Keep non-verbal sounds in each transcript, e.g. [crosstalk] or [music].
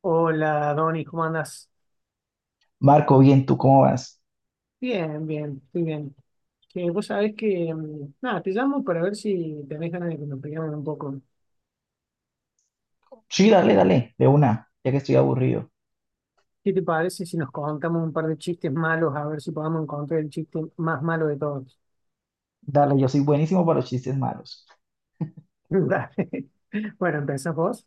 Hola, Donny, ¿cómo andas? Marco, bien, ¿tú cómo vas? Bien, bien, estoy bien. Vos sabés que, nada, te llamo para ver si tenés ganas de que nos peleemos un poco. Sí, dale, dale, de una, ya que estoy aburrido. ¿Qué te parece si nos contamos un par de chistes malos, a ver si podemos encontrar el chiste más malo de todos? Dale, yo soy buenísimo para los chistes malos. [laughs] Dale. Bueno, empezás vos.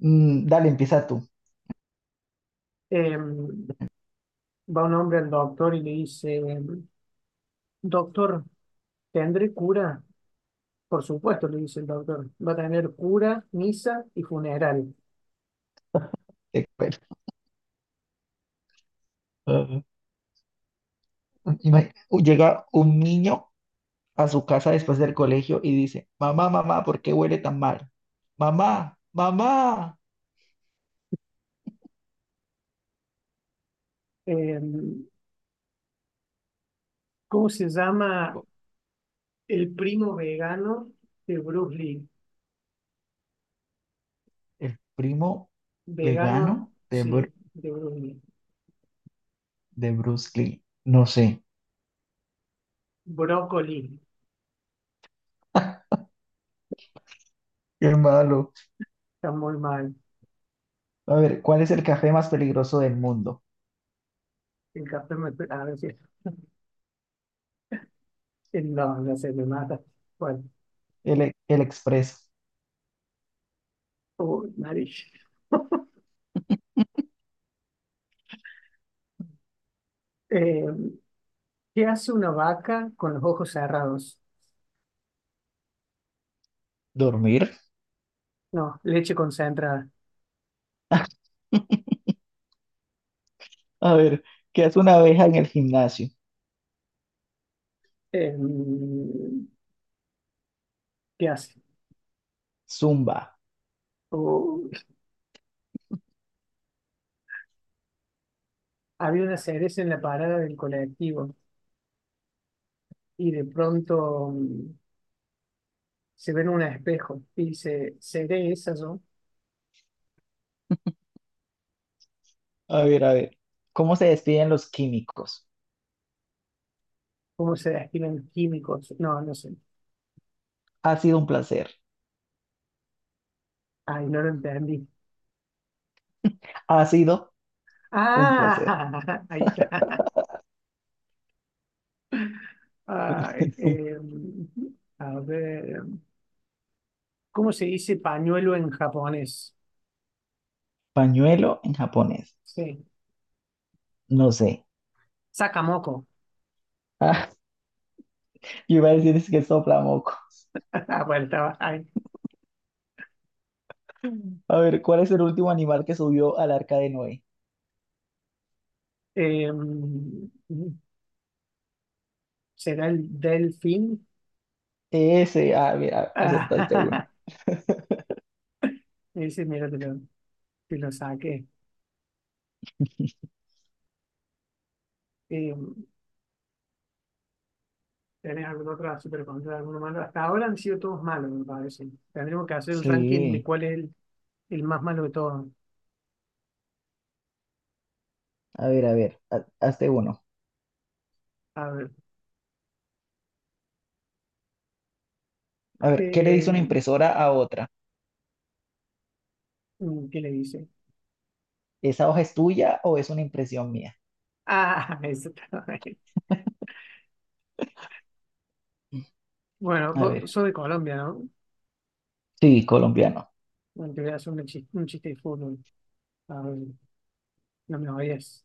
Dale, empieza tú. Va un hombre al doctor y le dice, doctor, ¿tendré cura? Por supuesto, le dice el doctor, va a tener cura, misa y funeral. Te cuento. [laughs] Ajá. Llega un niño a su casa después del colegio y dice, mamá, mamá, ¿por qué huele tan mal? Mamá, mamá. Eh, ¿Cómo se llama? Co- El primo vegano de Bruce Lee. El primo Vegano, vegano de, sí, de Bruce Lee. de Bruce Lee. No sé. Brócoli. Qué malo. Está muy mal. A ver, ¿cuál es el café más peligroso del mundo? El café me, a ver si, no, no sé, me mata. Bueno, El, el expreso. oh, nariz. [laughs] Eh, ¿qué hace una vaca con los ojos cerrados? ¿Dormir? No, leche concentrada. A ver, ¿qué hace una abeja en el gimnasio? Eh, ¿Qué hace? Zumba. Oh, había una cereza en la parada del colectivo y de pronto se ve en un espejo y dice, ¿seré esa yo? A ver, a ver. ¿Cómo se despiden los químicos? Cómo se destilan químicos. No, no sé. Ha sido un placer. Ay, no lo entendí. Ha sido un placer. Ah, [laughs] ahí está. Ay, [laughs] a ver, ¿cómo se dice pañuelo en japonés? Pañuelo en japonés. Sí, No sé. sakamoko. [laughs] Ah, [laughs] yo iba a decir es que sopla moco. Ah, bueno, estaba ahí. A ver, ¿cuál es el último animal que subió al arca de Noé? Em, ¿Será el delfín? Ese. Ah, mira, acertaste uno. Ah, [laughs] ese, mira, te lo saqué. Em, ¿Tenés algún otro super contra alguno malo? Hasta ahora han sido todos malos, me parece. Tendremos que hacer el ranking de Sí. cuál es el más malo de todos. A ver, a ver. Hazte uno. A ver, A ver, ¿qué le eh, dice una impresora a otra? ¿Qué le dice? ¿Esa hoja es tuya o es una impresión mía? Ah, [laughs] eso está bien. Bueno, A vos ver. sos de Colombia, ¿no? Sí, colombiano. Bueno, te voy a hacer un chiste de fútbol. A ver, no me oyes.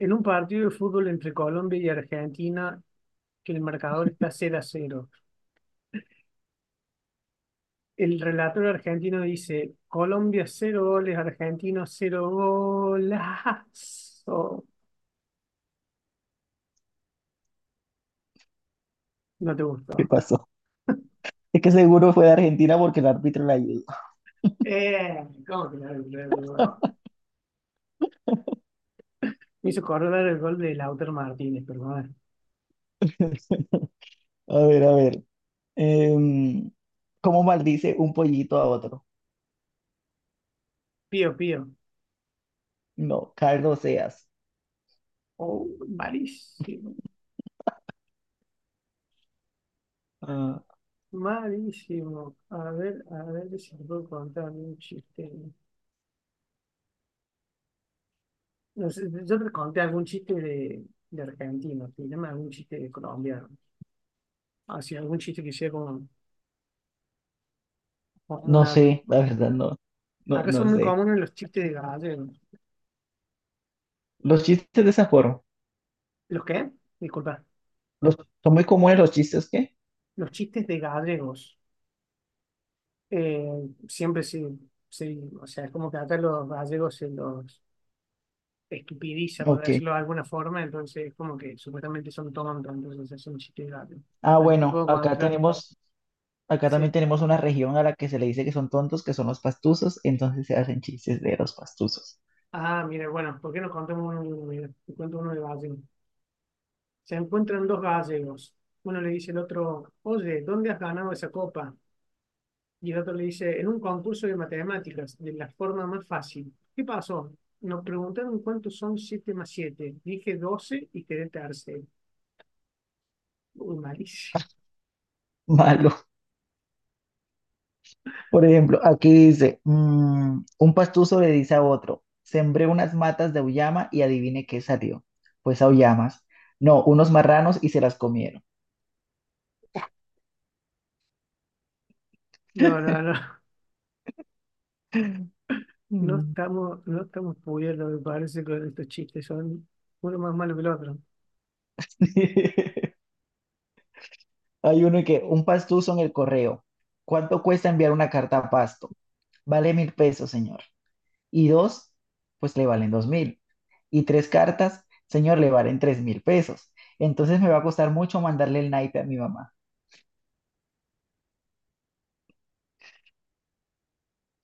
En un partido de fútbol entre Colombia y Argentina, que el marcador está cero a cero. El relator argentino dice, Colombia cero goles, Argentino 0 golazo. No te ¿Qué gustó. pasó? Es que seguro fue de Argentina porque el árbitro la ayudó. ¿Cómo que no? Me hizo acordar el gol de Lautaro Martínez, pero bueno. [laughs] A ver, a ver. Em, ¿cómo maldice un pollito a otro? Pío, pío. No, Carlos Seas. Oh, malísimo, Ah, malísimo. A ver si te puedo contar algún chiste. No sé, yo te conté algún chiste de, argentino, llama algún chiste de colombiano. Así, algún chiste que sea como no una- sé, la verdad, no. No, Acá no son muy sé. comunes los chistes de gallegos. Los chistes de esa forma. ¿Los qué? Disculpa. Los, son muy comunes los chistes, ¿qué? Los chistes de gallegos. Eh, siempre sí, sí. O sea, es como que acá los gallegos se los estupidiza, por Ok. decirlo de alguna forma, entonces es como que supuestamente son tontos, entonces hacen chistes rápidos. Ah, Así te bueno, puedo acá contar. tenemos, acá también Sí. tenemos una región a la que se le dice que son tontos, que son los pastusos, entonces se hacen chistes de los pastusos. Ah, mire bueno, ¿por qué no contamos uno de uno? Mira, te cuento uno de gallego. Se encuentran dos gallegos. Uno le dice al otro, oye, ¿dónde has ganado esa copa? Y el otro le dice, en un concurso de matemáticas, de la forma más fácil. ¿Qué pasó? Nos preguntaron cuántos son 7 más siete. Dije 12 y quedé tercero. Uy, malísimo. [laughs] Malo. [laughs] Por ejemplo, aquí dice, un pastuso le dice a otro, sembré unas matas de auyama y adivine qué salió. Pues auyamas. No, unos marranos y se las comieron. No, no, no. No Mm. estamos, no estamos pudiendo me parece, con estos chistes. Son uno más malo que el otro. [laughs] Hay uno que, un pastuso en el correo. ¿Cuánto cuesta enviar una carta a Pasto? Vale 1.000 pesos, señor. Y dos, pues le valen 2.000. Y tres cartas, señor, le valen 3.000 pesos. Entonces me va a costar mucho mandarle el naipe a mi mamá.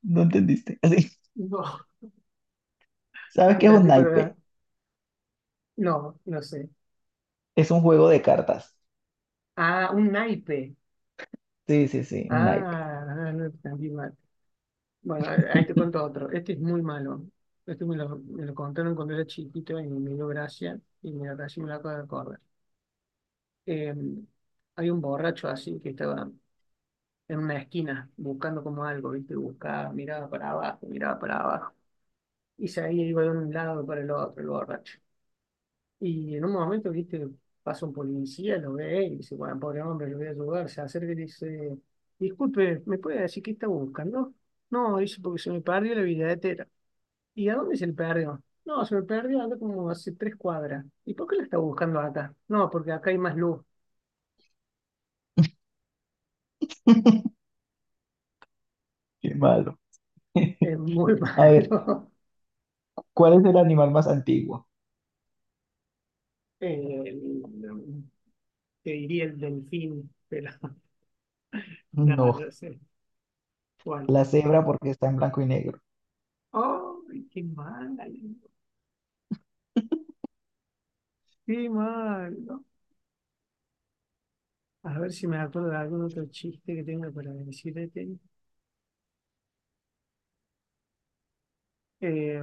¿No entendiste? [laughs] Así, [laughs] No, ¿sabes no qué es un entendí, pero naipe? no, no sé. Es un juego de cartas. Ah, un naipe. Sí, sí, sí, un naipe. Ah, ah, no entendí mal. Bueno, ahí te cuento otro. Este es muy malo. Este me lo contaron cuando era chiquito y me dio gracia. Y me casi me lo acabo de acordar. Eh, hay un borracho así que estaba en una esquina buscando como algo, ¿viste? Buscaba, miraba para abajo, miraba para abajo. Y se iba de un lado para el otro, el borracho. Y en un momento, viste, pasa un policía, lo ve y dice, bueno, pobre hombre, lo voy a ayudar. Se acerca y le dice, disculpe, ¿me puede decir qué está buscando? No, dice, porque se me perdió la billetera. ¿Y a dónde se le perdió? No, se me perdió acá como hace tres cuadras. ¿Y por qué la está buscando acá? No, porque acá hay más luz. [laughs] Qué malo. [laughs] Es muy [laughs] A ver, malo. ¿cuál es el animal más antiguo? Eh, te diría el delfín, pero [laughs] nada, No, no sé. Bueno. la cebra porque está en blanco y negro. ¡Ay, qué mal! ¡Qué mal! ¿No? A ver si me acuerdo de algún otro chiste que tenga para decirte. Eh,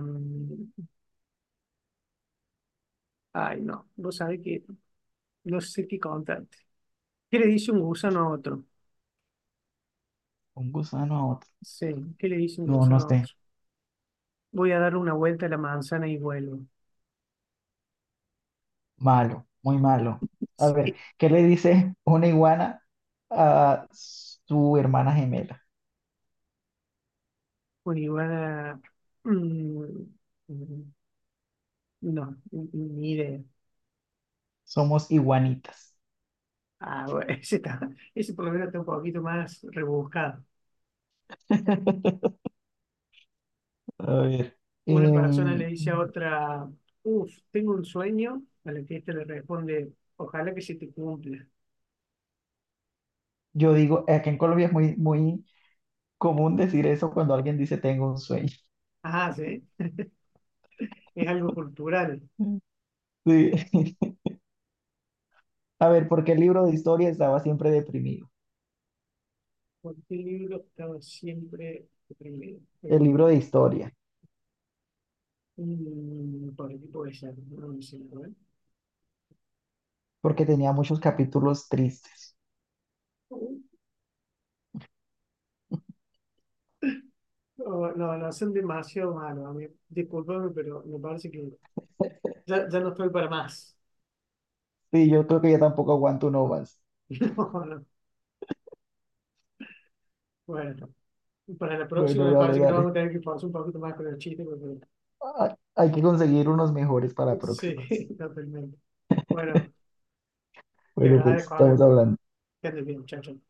ay, no, vos sabés que no sé qué contarte. ¿Qué le dice un gusano a otro? Un gusano a otro. Sí, ¿qué le dice un No, no gusano a sé. otro? Voy a darle una vuelta a la manzana y vuelvo. Malo, muy malo. [laughs] A ver, Sí, ¿qué le dice una iguana a su hermana gemela? una iguana. mm, mm, no, ni idea. Somos iguanitas. Ah, bueno, [laughs] ese, está, ese por lo menos está un poquito más rebuscado. [laughs] A ver, Una persona le em, dice a otra, uff, tengo un sueño, a la que ésta le responde, ojalá que se te cumpla. yo digo, aquí en Colombia es muy, muy común decir eso cuando alguien dice tengo un sueño. Ah, sí, es algo cultural. [laughs] Sí. Mira, A ver, ¿por qué el libro de historia estaba siempre deprimido? ¿por qué libro estaba siempre primero? El libro de historia, Por el tipo de ser, no lo sé, a ver. porque tenía muchos capítulos tristes. Oh, no, no, son demasiado malos. A mí. Disculpame, pero me parece que [laughs] ya no estoy para más. Sí, yo creo que ya tampoco aguanto uno más. [laughs] No, no. Bueno, para la próxima Bueno, me dale, parece que nos dale. vamos a tener que forzar un poquito más con el chiste, porque Ah, hay que conseguir unos mejores para sí, próximas. [laughs] totalmente. Bueno, te Bueno, pues agradezco, estamos amigo. hablando. Que andes bien, chao, chao.